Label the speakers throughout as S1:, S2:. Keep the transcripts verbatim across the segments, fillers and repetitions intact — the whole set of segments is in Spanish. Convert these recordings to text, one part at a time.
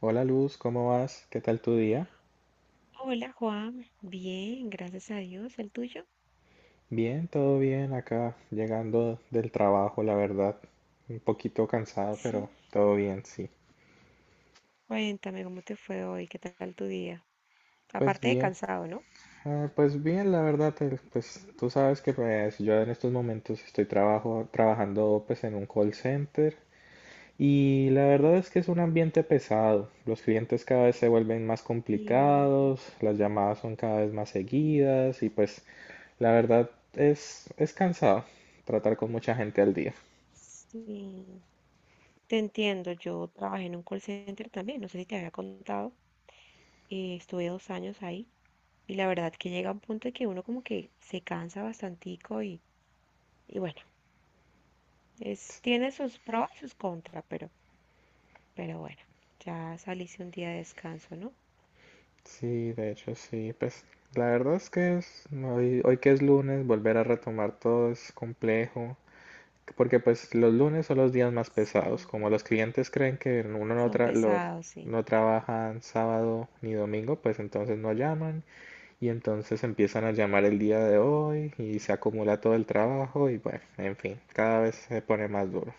S1: Hola Luz, ¿cómo vas? ¿Qué tal tu día?
S2: Hola Juan, bien, gracias a Dios. ¿El tuyo?
S1: Bien, todo bien acá, llegando del trabajo, la verdad. Un poquito cansado,
S2: Sí,
S1: pero todo bien, sí.
S2: cuéntame cómo te fue hoy, qué tal tu día.
S1: Pues
S2: Aparte de
S1: bien,
S2: cansado, ¿no?
S1: ah, pues bien, la verdad, eh, pues tú sabes que pues, yo en estos momentos estoy trabajo, trabajando pues en un call center. Y la verdad es que es un ambiente pesado. Los clientes cada vez se vuelven más
S2: Sí,
S1: complicados, las llamadas son cada vez más seguidas y pues la verdad es, es cansado tratar con mucha gente al día.
S2: sí, te entiendo. Yo trabajé en un call center también, no sé si te había contado. Eh, estuve dos años ahí y la verdad que llega un punto en que uno como que se cansa bastantico y, y bueno, es, tiene sus pros y sus contras, pero, pero bueno, ya saliste un día de descanso, ¿no?
S1: Sí, de hecho sí, pues la verdad es que es, hoy, hoy que es lunes, volver a retomar todo es complejo, porque pues los lunes son los días más pesados,
S2: Sí,
S1: como los clientes creen que uno no,
S2: son
S1: tra- lo-
S2: pesados, sí.
S1: no trabajan sábado ni domingo, pues entonces no llaman. Y entonces empiezan a llamar el día de hoy y se acumula todo el trabajo y bueno, en fin, cada vez se pone más duro.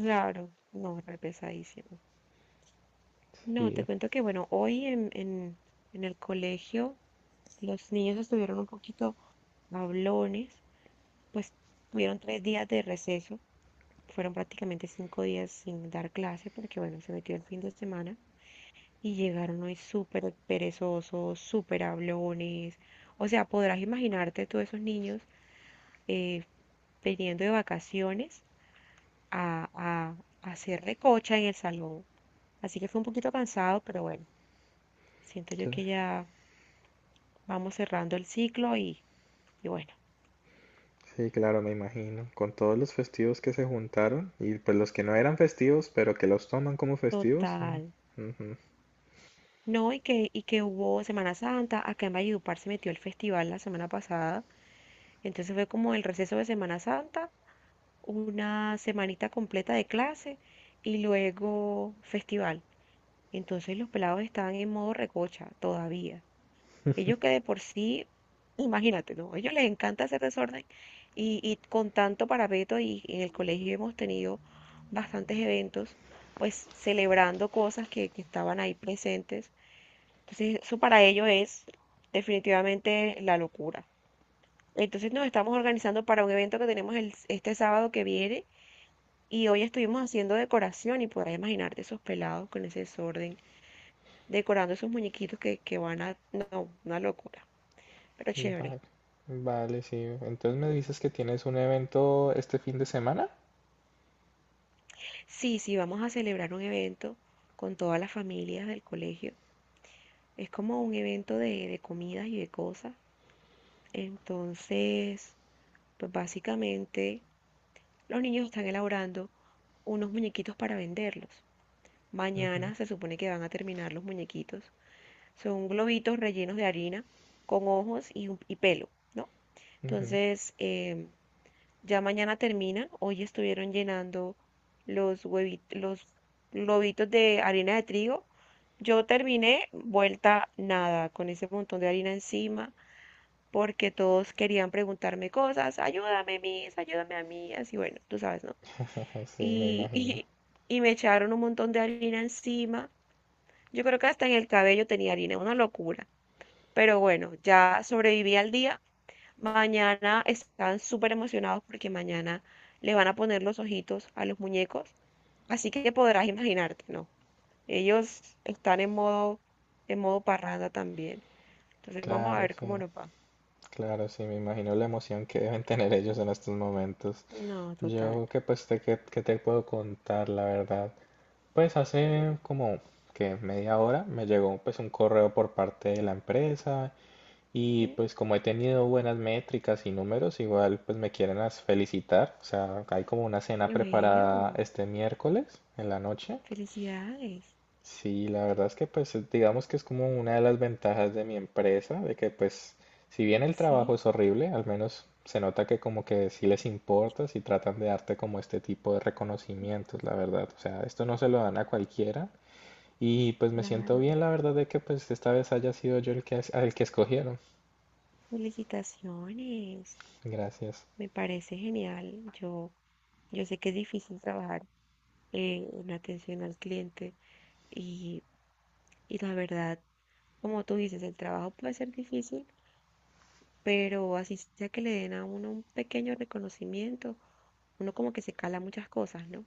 S2: Claro, no, re pesadísimo. No, te
S1: Sí,
S2: cuento que, bueno, hoy en, en, en el colegio los niños estuvieron un poquito hablones, pues tuvieron tres días de receso, fueron prácticamente cinco días sin dar clase porque, bueno, se metió el fin de semana. Y llegaron hoy súper perezosos, súper hablones. O sea, podrás imaginarte tú esos niños eh, viniendo de vacaciones a, a, a hacer recocha en el salón. Así que fue un poquito cansado, pero bueno, siento yo
S1: cl-
S2: que ya vamos cerrando el ciclo y, y bueno,
S1: sí, claro, me imagino. Con todos los festivos que se juntaron y pues los que no eran festivos, pero que los toman como festivos.
S2: total.
S1: Mm, ujú.
S2: No, y que, y que hubo Semana Santa, acá en Valledupar se metió el festival la semana pasada, entonces fue como el receso de Semana Santa, una semanita completa de clase y luego festival. Entonces los pelados estaban en modo recocha todavía. Ellos que de por sí, imagínate, ¿no? A ellos les encanta hacer desorden y, y con tanto parapeto y en el colegio hemos tenido bastantes eventos, pues celebrando cosas que, que estaban ahí presentes. Entonces eso para ellos es definitivamente la locura. Entonces nos estamos organizando para un evento que tenemos el- este sábado que viene, y hoy estuvimos haciendo decoración y podrás imaginarte esos pelados con ese desorden, decorando esos muñequitos que, que van a. No, una locura, pero chévere.
S1: Vale, vale, sí. Entonces me dices que tienes un evento este fin de semana.
S2: Sí, sí, vamos a celebrar un evento con todas las familias del colegio. Es como un evento de, de comidas y de cosas. Entonces, pues básicamente los niños están elaborando unos muñequitos para venderlos.
S1: Ujú,
S2: Mañana se supone que van a terminar los muñequitos. Son globitos rellenos de harina con ojos y, un- y pelo, ¿no?
S1: ujú.
S2: Entonces, em, ya mañana termina. Hoy estuvieron llenando los huevitos, los globitos de harina de trigo. Yo terminé vuelta nada, con ese montón de harina encima, porque todos querían preguntarme cosas. Ayúdame, Miss, ayúdame a mí. Así, bueno, tú sabes, ¿no?
S1: Sí, me
S2: Y,
S1: imagino.
S2: y, y me echaron un montón de harina encima. Yo creo que hasta en el cabello tenía harina, una locura. Pero bueno, ya sobreviví al día. Mañana están súper emocionados porque mañana le van a poner los ojitos a los muñecos, así que podrás imaginarte, ¿no? Ellos están en modo, en modo parranda también. Entonces vamos a
S1: Claro,
S2: ver cómo
S1: sí.
S2: nos va.
S1: Claro, sí, me imagino la emoción que deben tener ellos en estos momentos.
S2: No, total.
S1: Yo que pues te, que, que te puedo contar la verdad. Pues hace como que media hora me llegó pues un correo por parte de la empresa
S2: Sí,
S1: y pues como he tenido buenas métricas y números, igual pues me quieren as- felicitar. O sea, hay como una cena
S2: y
S1: preparada
S2: bueno,
S1: este miércoles en la noche.
S2: felicidades.
S1: Sí, la verdad es que pues es- digamos que es como una de las ventajas de mi empresa, de que pues si bien el trabajo
S2: Sí,
S1: es horrible, al menos se nota que como que sí les importa, si tratan de darte como este tipo de reconocimientos, la verdad. O sea, esto no se lo dan a cualquiera y pues me siento
S2: claro.
S1: bien, la verdad, de que pues esta vez haya sido yo el que, es- al que escogieron.
S2: Felicitaciones.
S1: Gracias.
S2: Me parece genial. Yo, yo sé que es difícil trabajar eh, en atención al cliente. Y, y la verdad, como tú dices, el trabajo puede ser difícil, pero así sea que le den a uno un pequeño reconocimiento, uno como que se cala muchas cosas, ¿no?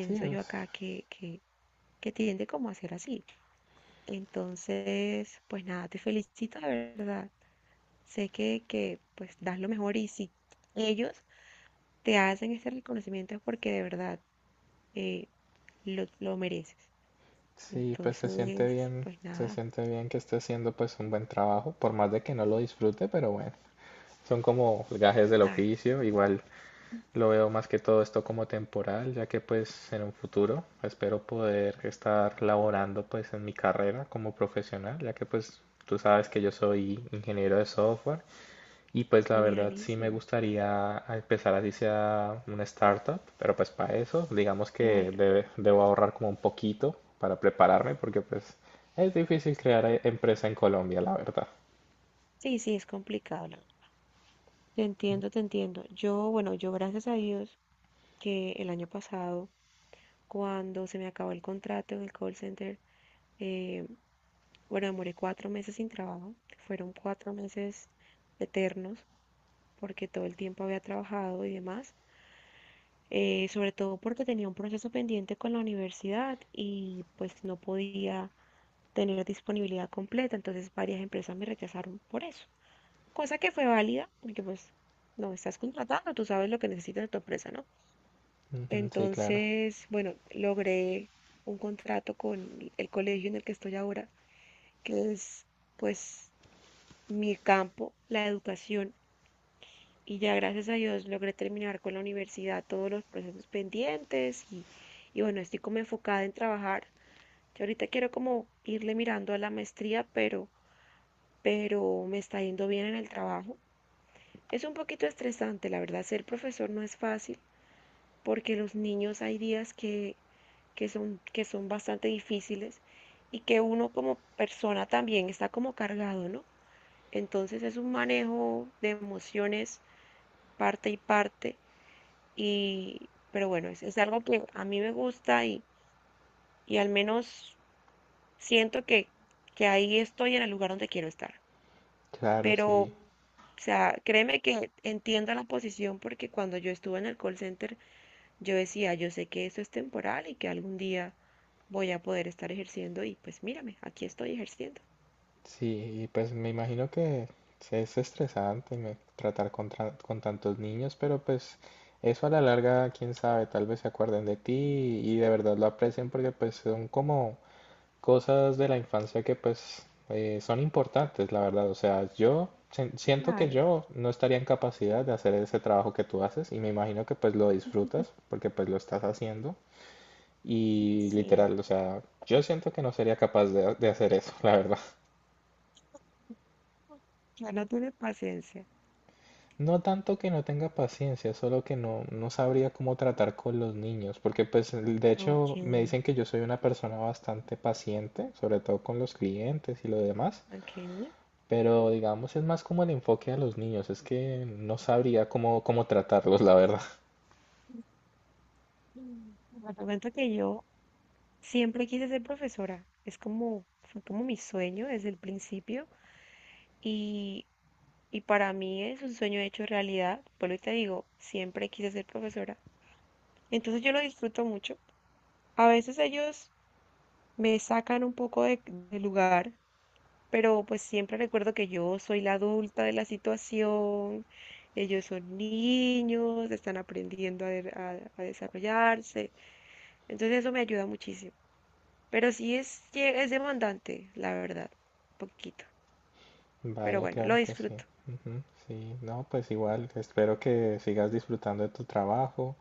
S1: Sí, o
S2: yo
S1: s-
S2: acá que, que, que tiende como a ser así. Entonces, pues nada, te felicito de verdad. Sé que, que pues das lo mejor, y si ellos te hacen este reconocimiento es porque de verdad eh, lo, lo mereces.
S1: sí, pues se siente
S2: Entonces,
S1: bien,
S2: pues
S1: se
S2: nada,
S1: siente bien que esté haciendo pues un buen trabajo, por más de que no lo disfrute, pero bueno. Son como gajes del
S2: claro,
S1: oficio, igual. Lo veo más que todo esto como temporal, ya que pues en un futuro espero poder estar laborando pues en mi carrera como profesional, ya que pues tú sabes que yo soy ingeniero de software y pues la verdad sí me
S2: genialísimo.
S1: gustaría empezar así sea una startup, pero pues para eso digamos que
S2: Claro,
S1: debe- debo ahorrar como un poquito para prepararme porque pues es difícil crear eh, empresa en Colombia, la verdad.
S2: sí, sí, es complicado, la verdad. Te entiendo, te entiendo. Yo, bueno, yo gracias a Dios que el año pasado, cuando se me acabó el contrato en el call center, eh, bueno, demoré cuatro meses sin trabajo. Fueron cuatro meses eternos porque todo el tiempo había trabajado y demás. Eh, sobre todo porque tenía un proceso pendiente con la universidad y pues no podía tener disponibilidad completa. Entonces varias empresas me rechazaron por eso, cosa que fue válida, porque pues no estás contratando, tú sabes lo que necesita de tu empresa, ¿no?
S1: Ujú, sí, claro,
S2: Entonces, bueno, logré un contrato con el colegio en el que estoy ahora, que es pues mi campo, la educación, y ya gracias a Dios logré terminar con la universidad todos los procesos pendientes y, y bueno, estoy como enfocada en trabajar. Yo ahorita quiero como irle mirando a la maestría, pero, pero me está yendo bien en el trabajo. Es un poquito estresante, la verdad, ser profesor no es fácil porque los niños hay días que, que son, que son bastante difíciles y que uno como persona también está como cargado, ¿no? Entonces es un manejo de emociones parte y parte y, pero bueno, es, es algo que a mí me gusta y, y al menos siento que, que ahí estoy en el lugar donde quiero estar.
S1: claro,
S2: Pero, o
S1: sí.
S2: sea, créeme que entiendo la posición porque cuando yo estuve en el call center, yo decía, yo sé que esto es temporal y que algún día voy a poder estar ejerciendo y pues mírame, aquí estoy ejerciendo.
S1: Sí, y pues me imagino que es estresante me- tratar con, tra- con tantos niños, pero pues eso a la larga, quién sabe, tal vez se acuerden de ti y de verdad lo aprecien porque pues son como cosas de la infancia que pues eh, son importantes, la verdad. O sea, yo sen- siento que
S2: Claro,
S1: yo no estaría en capacidad de hacer ese trabajo que tú haces y me imagino que pues lo disfrutas porque pues lo estás haciendo y
S2: sí.
S1: literal, o sea, yo siento que no sería capaz de de hacer eso, la verdad.
S2: Ya no tiene paciencia.
S1: No tanto que no tenga paciencia, solo que no, no sabría cómo tratar con los niños, porque pues el- de hecho
S2: Ok.
S1: me dicen que yo soy una persona bastante paciente, sobre todo con los clientes y lo demás,
S2: Ok.
S1: pero digamos es más como el enfoque a los niños, es que no sabría cómo, cómo tratarlos, la verdad.
S2: Mm, Bueno, te cuento que yo siempre quise ser profesora. Es como, fue como mi sueño desde el principio. Y, y para mí es un sueño hecho realidad. Por lo que te digo, siempre quise ser profesora. Entonces yo lo disfruto mucho. A veces ellos me sacan un poco de, de lugar, pero pues siempre recuerdo que yo soy la adulta de la situación, ellos son niños, están aprendiendo a, de- a- a desarrollarse, entonces eso me ayuda muchísimo. Pero sí es, lle- es demandante, la verdad, un poquito, pero
S1: Vale,
S2: bueno, lo
S1: claro que sí.
S2: disfruto.
S1: Ujú, sí, no, pues igual, espero que sigas disfrutando de tu trabajo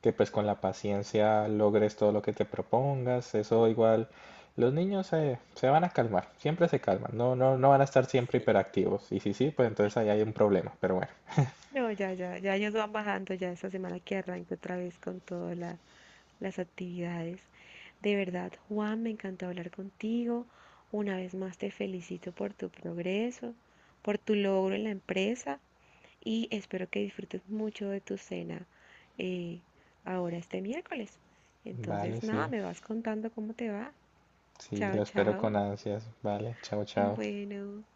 S1: que pues con la paciencia logres todo lo que te propongas, eso igual, los niños eh, se van a calmar, siempre se calman, no, no, no van a estar siempre
S2: Sí.
S1: hiperactivos, y si sí, pues entonces ahí hay un problema, pero bueno,
S2: No, ya, ya, ya ellos van bajando ya esta semana que arranco otra vez con toda la, las actividades. De verdad, Juan, me encantó hablar contigo. Una vez más te felicito por tu progreso, por tu logro en la empresa y espero que disfrutes mucho de tu cena eh, ahora este miércoles.
S1: vale,
S2: Entonces, nada,
S1: sí,
S2: me vas contando cómo te va.
S1: sí,
S2: Chao,
S1: lo espero con
S2: chao.
S1: ansias, vale, chao, chao.
S2: Bueno.